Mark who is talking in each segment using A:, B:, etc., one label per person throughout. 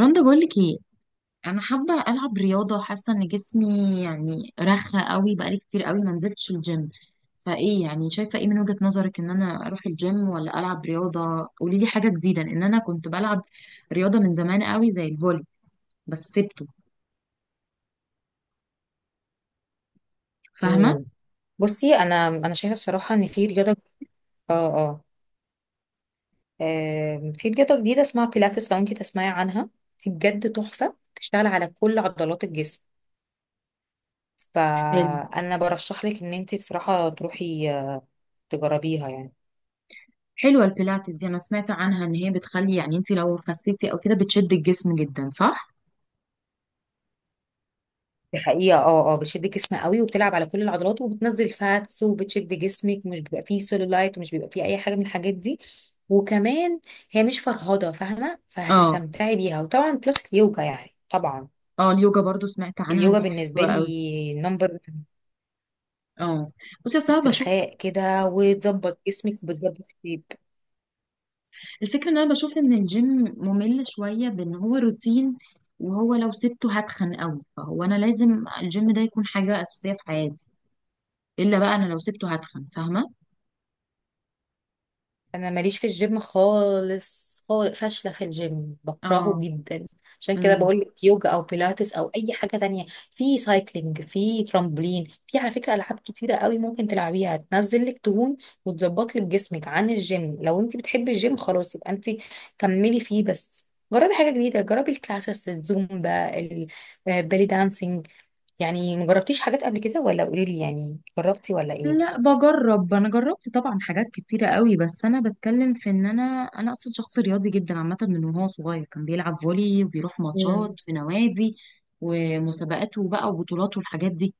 A: رندا بقولك ايه؟ انا حابه العب رياضه، حاسه ان جسمي رخى قوي، بقالي كتير قوي ما نزلتش الجيم. يعني شايفه ايه من وجهه نظرك؟ ان انا اروح الجيم ولا العب رياضه؟ قولي لي حاجه جديده، لان انا كنت بلعب رياضه من زمان قوي زي الفولي، بس سبته، فاهمه؟
B: مم. بصي انا شايفه الصراحه ان في رياضه اه اه آم، في رياضة جديدة اسمها بيلاتس لو انتي تسمعي عنها. دي بجد تحفة بتشتغل على كل عضلات الجسم.
A: حلو.
B: فأنا برشح لك إن انتي بصراحة تروحي تجربيها يعني.
A: حلوه البيلاتس دي، انا سمعت عنها ان هي بتخلي انت لو خسيتي او كده بتشد الجسم جدا، صح؟
B: دي حقيقة، بتشد الجسم قوي وبتلعب على كل العضلات وبتنزل فاتس وبتشد جسمك، ومش بيبقى فيه سيلولايت ومش بيبقى فيه أي حاجة من الحاجات دي. وكمان هي مش فرهضة، فاهمة؟
A: اه
B: فهتستمتعي بيها. وطبعا بلس اليوجا يعني، طبعا
A: اه. اليوجا برضو سمعت عنها ان
B: اليوجا
A: هي
B: بالنسبة
A: حلوه قوي.
B: لي نمبر
A: اه، بصي، اصل انا بشوف.
B: استرخاء كده، وتظبط جسمك وبتظبط شيب.
A: الفكرة ان انا بشوف ان الجيم ممل شوية، بان هو روتين، وهو لو سبته هتخن قوي، فهو انا لازم الجيم ده يكون حاجة اساسية في حياتي. الا بقى انا لو سبته هتخن، فاهمة؟
B: انا ماليش في الجيم خالص خالص، فاشله في الجيم، بكرهه
A: اه.
B: جدا. عشان كده
A: امم.
B: بقول لك يوجا او بيلاتس او اي حاجه تانية. في سايكلينج، في ترامبولين، في على فكره العاب كتيره قوي ممكن تلعبيها تنزل لك دهون وتظبط لك جسمك عن الجيم. لو انت بتحبي الجيم خلاص يبقى انت كملي فيه، بس جربي حاجه جديده. جربي الكلاسس، الزومبا، البالي دانسينج. يعني مجربتيش حاجات قبل كده، ولا قولي لي يعني جربتي ولا ايه؟
A: لا بجرب، انا جربت طبعا حاجات كتيرة قوي، بس انا بتكلم في ان انا اصلا شخص رياضي جدا عامة، من وهو صغير كان بيلعب فولي وبيروح
B: امم
A: ماتشات في نوادي ومسابقاته بقى وبطولاته والحاجات دي.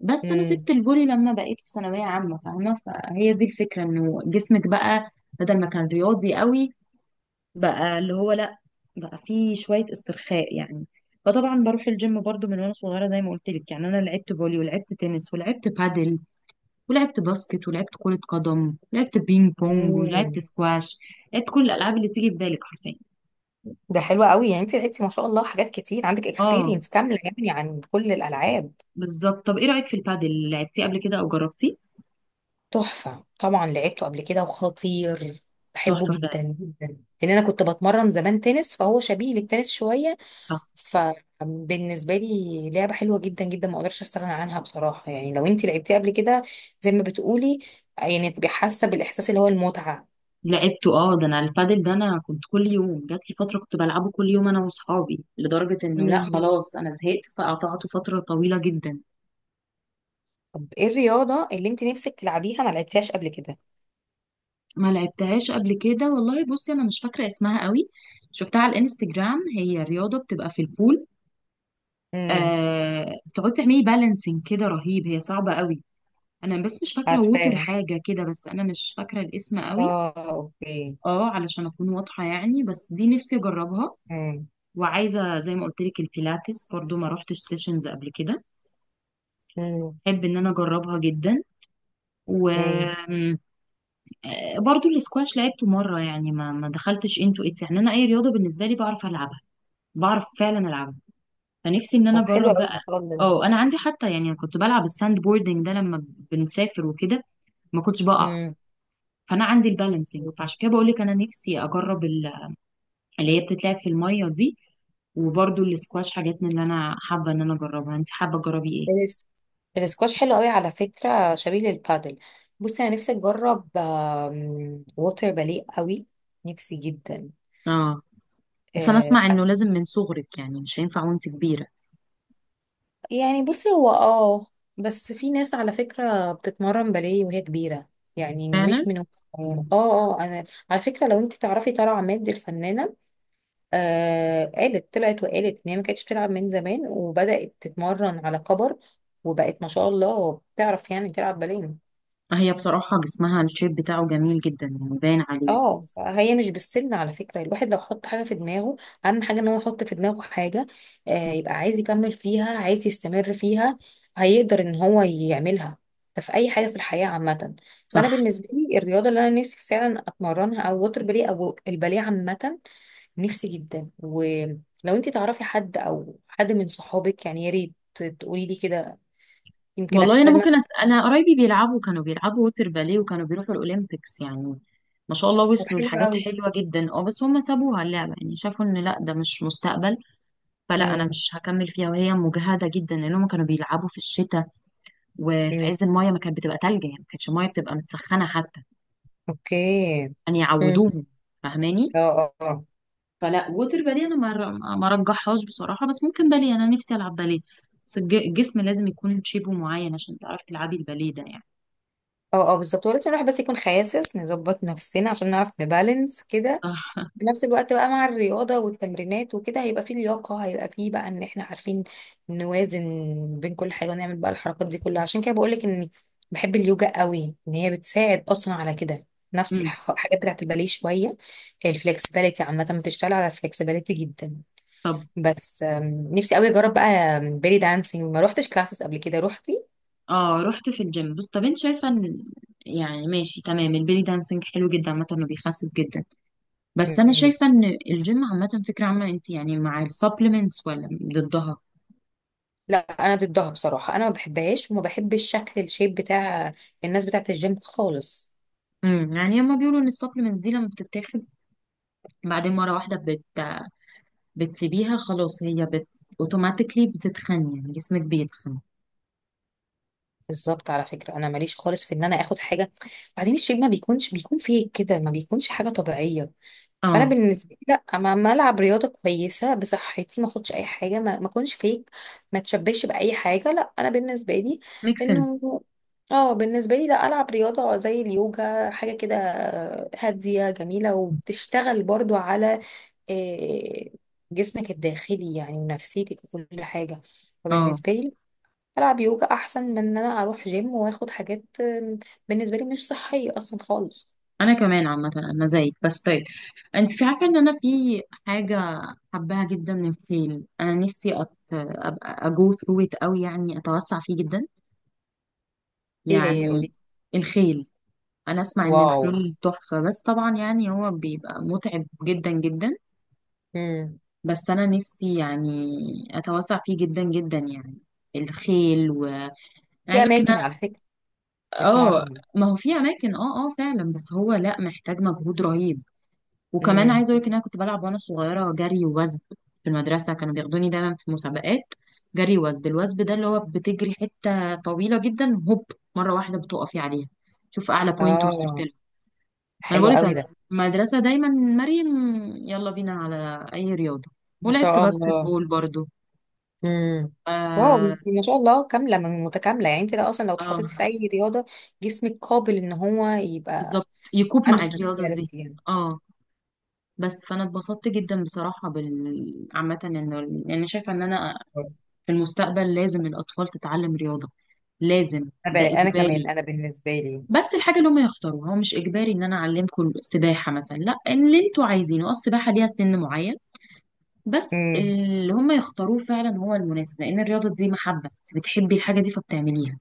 A: بس انا سبت
B: امم
A: الفولي لما بقيت في ثانويه عامه، فاهمه؟ فهي دي الفكره، انه جسمك بقى بدل ما كان رياضي قوي، بقى اللي هو لا، بقى فيه شويه استرخاء يعني. فطبعا بروح الجيم برضو من وانا صغيره، زي ما قلت لك. يعني انا لعبت فولي ولعبت تنس ولعبت بادل ولعبت باسكت ولعبت كره قدم ولعبت بينج بونج ولعبت
B: امم
A: سكواش. لعبت كل الالعاب اللي تيجي في بالك حرفيا.
B: ده حلو قوي. يعني انت لعبتي ما شاء الله حاجات كتير، عندك
A: اه
B: اكسبيرينس كامله يعني عن كل الالعاب.
A: بالظبط. طب ايه رايك في البادل؟ لعبتيه قبل كده او جربتيه؟
B: تحفه، طبعا لعبته قبل كده، وخطير. بحبه
A: تحفه فعلا.
B: جدا جدا، لان انا كنت بتمرن زمان تنس، فهو شبيه للتنس شويه.
A: صح.
B: فبالنسبه لي لعبه حلوه جدا جدا، ما اقدرش استغنى عنها بصراحه. يعني لو انت لعبتيها قبل كده زي ما بتقولي، يعني تبقي حاسه بالاحساس اللي هو المتعه.
A: لعبته، اه، ده انا البادل ده انا كنت كل يوم، جات لي فتره كنت بلعبه كل يوم انا واصحابي، لدرجه انه لا
B: امم.
A: خلاص انا زهقت فقطعته فتره طويله جدا.
B: طب ايه الرياضه اللي انت نفسك تلعبيها ما لعبتيهاش قبل
A: ما لعبتهاش قبل كده والله. بصي انا مش فاكره اسمها قوي، شفتها على الانستجرام، هي رياضه بتبقى في البول
B: كده؟
A: آه، بتقعدي تعملي بالانسنج كده، رهيب، هي صعبه قوي. انا بس مش فاكره، ووتر
B: عارفاها،
A: حاجه كده، بس انا مش فاكره الاسم قوي.
B: اه اوكي.
A: اه علشان اكون واضحه يعني، بس دي نفسي اجربها.
B: امم
A: وعايزه زي ما قلت لك البيلاتس برضو ما روحتش سيشنز قبل كده،
B: امم
A: احب ان انا اجربها جدا.
B: امم
A: وبرضو الاسكواش لعبته مره، يعني ما دخلتش انتو اتس. يعني انا اي رياضه بالنسبه لي بعرف العبها، بعرف فعلا العبها، فنفسي ان انا
B: طب حلو
A: اجرب
B: قوي ما
A: بقى.
B: شاء الله.
A: اه انا عندي حتى، يعني أنا كنت بلعب الساند بوردنج ده لما بنسافر وكده، ما كنتش بقع.
B: امم
A: فانا عندي البالانسنج، فعشان كده بقول لك انا نفسي اجرب اللي هي بتتلعب في الميه دي، وبرضو الاسكواش، حاجات من اللي انا حابه ان انا اجربها. انت حابه تجربي ايه؟
B: الس- الاسكواش حلو قوي على فكرة شبيه للبادل بصي انا نفسي اجرب آم، ووتر باليه قوي نفسي جدا
A: اه بس انا
B: آه،
A: اسمع
B: ح-
A: انه لازم من صغرك، يعني مش هينفع وانت كبيره.
B: يعني بصي هو اه بس في ناس على فكرة بتتمرن باليه وهي كبيرة يعني
A: فعلا،
B: مش من وهي صغيرة اه اه انا على فكرة لو انت تعرفي طلع عماد الفنانة آه قالت طلعت وقالت ان هي ما كانتش بتلعب من زمان وبدأت تتمرن على كبر وبقت ما شاء الله بتعرف يعني تلعب باليه
A: هي بصراحة جسمها الشيب بتاعه جميل جدا، يعني باين عليه.
B: اه فهي مش بالسن على فكرة الواحد لو حط حاجة في دماغه اهم حاجة ان هو يحط في دماغه حاجة آه يبقى عايز يكمل فيها عايز يستمر فيها هيقدر ان هو يعملها ده في اي حاجة في الحياة عامة فانا
A: صح.
B: بالنسبة لي الرياضة اللي انا نفسي فعلا اتمرنها او وتر باليه او الباليه عامة نفسي جدا ولو انت تعرفي حد او حد من صحابك يعني يا ريت تقولي لي كده يمكن
A: والله أنا
B: استفاد مثلا
A: ممكن أسأل، أنا قرايبي بيلعبوا، كانوا بيلعبوا ووتر باليه وكانوا بيروحوا الأولمبيكس يعني، ما شاء الله
B: طب
A: وصلوا
B: حلو
A: لحاجات
B: قوي
A: حلوة جدا. اه بس هم سابوها اللعبة، يعني شافوا إن لأ ده مش مستقبل. فلا أنا
B: امم
A: مش هكمل فيها، وهي مجهدة جدا، لأن هم كانوا بيلعبوا في الشتاء وفي
B: امم
A: عز الماية، ما كانت بتبقى تلج يعني، ما كانتش الماية بتبقى متسخنة حتى،
B: اوكي
A: يعني
B: امم.
A: يعودوهم. فاهماني؟
B: اه اه اه
A: فلا، ووتر باليه انا ما رجحهاش بصراحه، بس ممكن باليه، انا نفسي العب باليه. بس الجسم لازم يكون شيبه معين عشان تعرفي تلعبي الباليه ده يعني.
B: اه بالظبط، ولازم الواحد بس يكون خاسس، نظبط نفسنا عشان نعرف نبالانس كده
A: صح
B: في نفس الوقت بقى مع الرياضة والتمرينات وكده. هيبقى فيه لياقة، هيبقى فيه بقى ان احنا عارفين نوازن بين كل حاجة ونعمل بقى الحركات دي كلها. عشان كده بقولك اني بحب اليوجا قوي، ان هي بتساعد اصلا على كده، نفس
A: امم.
B: الحاجات بتاعت الباليه شوية. الفلكسبيليتي عامة، بتشتغل على الفلكسبيليتي جدا.
A: طب
B: بس نفسي قوي اجرب بقى بيلي دانسينج، ما روحتش كلاسز قبل كده روحتي.
A: اه، رحت في الجيم. بص، طب انت شايفه ان يعني ماشي تمام، البيلي دانسينج حلو جدا عامه، انه بيخسس جدا. بس انا
B: مم.
A: شايفه ان الجيم عامه، فكره عامه، انت يعني مع السبلمنتس ولا ضدها؟
B: لا انا ضدها بصراحة، انا ما بحبهاش وما بحبش شكل الشيب بتاع الناس بتاعت الجيم خالص.
A: امم. يعني هما بيقولوا ان السبلمنتس دي لما بتتاخد بعدين مره واحده بتسيبيها خلاص، هي اوتوماتيكلي بتتخن، يعني جسمك بيتخن.
B: بالظبط، على فكرة أنا ماليش خالص في إن أنا آخد حاجة، بعدين الشيب ما بيكونش بيكون فيك كده، ما بيكونش حاجة طبيعية. فأنا
A: اه،
B: بالنسبة لي لأ، ما ما ألعب رياضة كويسة بصحتي، ما أخدش أي حاجة، ما ما أكونش فيك، ما تشبهش بأي حاجة. لأ أنا بالنسبة لي
A: ميك
B: إنه،
A: سنس.
B: اه بالنسبة لي لأ ألعب رياضة زي اليوجا، حاجة كده هادية جميلة وبتشتغل برضو على آه، جسمك الداخلي يعني، ونفسيتك وكل حاجة.
A: اه
B: فبالنسبة لي العب يوجا احسن من ان انا اروح جيم واخد حاجات بالنسبه لي مش صحيه اصلا خالص.
A: انا كمان عامه انا زيك. بس طيب، انت في عارفه ان انا في حاجه حباها جدا من الخيل، انا نفسي ابقى اجو ثرو ات قوي، يعني اتوسع فيه جدا
B: ايه هي
A: يعني،
B: ودي؟
A: الخيل. انا اسمع ان
B: واو.
A: الخيل تحفه، بس طبعا يعني هو بيبقى متعب جدا جدا.
B: امم.
A: بس انا نفسي يعني اتوسع فيه جدا جدا يعني، الخيل و... انا
B: في
A: عايزه اقولك.
B: اماكن على فكره
A: اه،
B: بتمرن.
A: ما هو في اماكن، اه اه فعلا، بس هو لا محتاج مجهود رهيب. وكمان
B: امم.
A: عايزه اقول لك ان انا كنت بلعب وانا صغيره جري ووثب، في المدرسه كانوا بياخدوني دايما في مسابقات جري وثب. الوثب ده اللي هو بتجري حته طويله جدا هوب، مره واحده بتقفي عليها، شوف اعلى بوينت وصلت
B: اه،
A: له. انا
B: حلو
A: بقول لك
B: قوي
A: انا،
B: ده،
A: المدرسه دايما مريم، يلا بينا على اي رياضه.
B: ما
A: ولعبت
B: شاء
A: باسكت
B: الله.
A: بول برضو.
B: امم. واو،
A: اه.
B: انت ما شاء الله كامله من متكامله، يعني انت لو اصلا لو
A: آه
B: اتحطيتي في اي رياضه جسمك قابل ان هو يبقى
A: بالظبط، يكوب
B: عنده
A: مع الرياضه دي.
B: فلكسبيليتي يعني.
A: اه بس، فانا اتبسطت جدا بصراحه بال عامه. انه يعني شايفه ان انا في المستقبل لازم الاطفال تتعلم رياضه، لازم، ده
B: انا انا
A: اجباري.
B: كمان انا بالنسبه لي.
A: بس الحاجه اللي هم يختاروها، هو مش اجباري ان انا اعلمكم سباحه مثلا، لا اللي انتوا عايزينه، اه السباحه ليها سن معين، بس
B: امم.
A: اللي هم يختاروه فعلا هو المناسب، لان الرياضه دي محبه، انت بتحبي الحاجه دي فبتعمليها،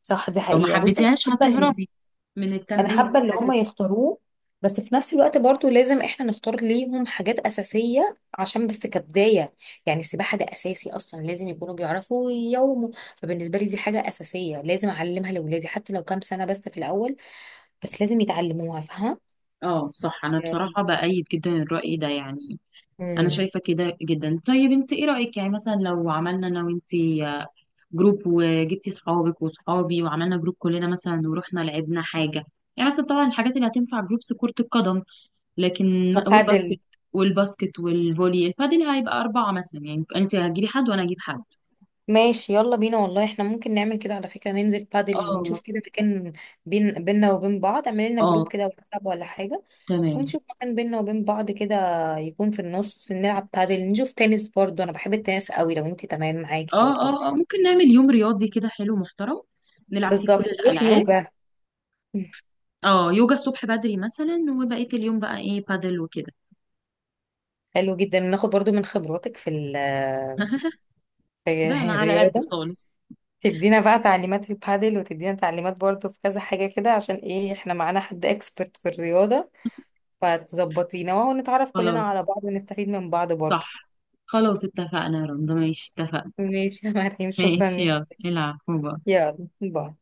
B: صح، دي
A: لو ما
B: حقيقه. بصي انا
A: حبيتيهاش
B: بحب
A: هتهربي من
B: انا
A: التمرين
B: حابه اللي
A: والحاجات
B: هم
A: دي.
B: يختاروه، بس في نفس الوقت برضو لازم احنا نختار ليهم حاجات اساسيه عشان بس كبدايه. يعني السباحه ده اساسي اصلا، لازم يكونوا بيعرفوا يومه. فبالنسبه لي دي حاجه اساسيه، لازم اعلمها لاولادي حتى لو كام سنه بس في الاول، بس لازم يتعلموها، فاهمه؟
A: اه صح، انا بصراحه بأيد جدا الرأي ده يعني، انا
B: امم.
A: شايفه كده جدا. طيب انت ايه رايك يعني مثلا لو عملنا انا وانت جروب، وجبتي صحابك وصحابي وعملنا جروب كلنا مثلا ورحنا لعبنا حاجه؟ يعني مثلا طبعا الحاجات اللي هتنفع جروبس، كره القدم، لكن،
B: وبادل.
A: والباسكت والباسكت والفولي. البادل هيبقى اربعه مثلا، يعني انت هتجيبي حد وانا اجيب حد.
B: ماشي يلا بينا، والله احنا ممكن نعمل كده على فكره، ننزل بادل
A: اه،
B: ونشوف كده مكان بين بيننا وبين بعض. اعمل لنا جروب
A: اه
B: كده واتساب ولا حاجه،
A: تمام.
B: ونشوف مكان بينا وبين بعض كده، يكون في النص. نلعب بادل، نشوف تنس برضو، انا بحب التنس قوي لو انت تمام
A: اه
B: معاكي برضو.
A: اه اه، ممكن نعمل يوم رياضي كده حلو محترم، نلعب فيه كل
B: بالظبط، نروح
A: الالعاب.
B: يوجا مم.
A: اه يوجا الصبح بدري مثلا، وبقيه اليوم بقى ايه بادل وكده.
B: حلو جدا، ناخد برضو من خبراتك في ال
A: ده انا
B: في
A: على قد
B: الرياضة،
A: خالص.
B: تدينا بقى تعليمات في البادل، وتدينا تعليمات برضو في كذا حاجة كده. عشان ايه؟ احنا معانا حد اكسبرت في الرياضة فتظبطينا، وهو نتعرف كلنا على
A: خلاص.
B: بعض ونستفيد من بعض برضو.
A: صح. خلاص اتفقنا يا رندا، ماشي اتفقنا.
B: ماشي يا مريم، شكرا
A: ماشي
B: لك.
A: يلا العب، باي.
B: يلا باي.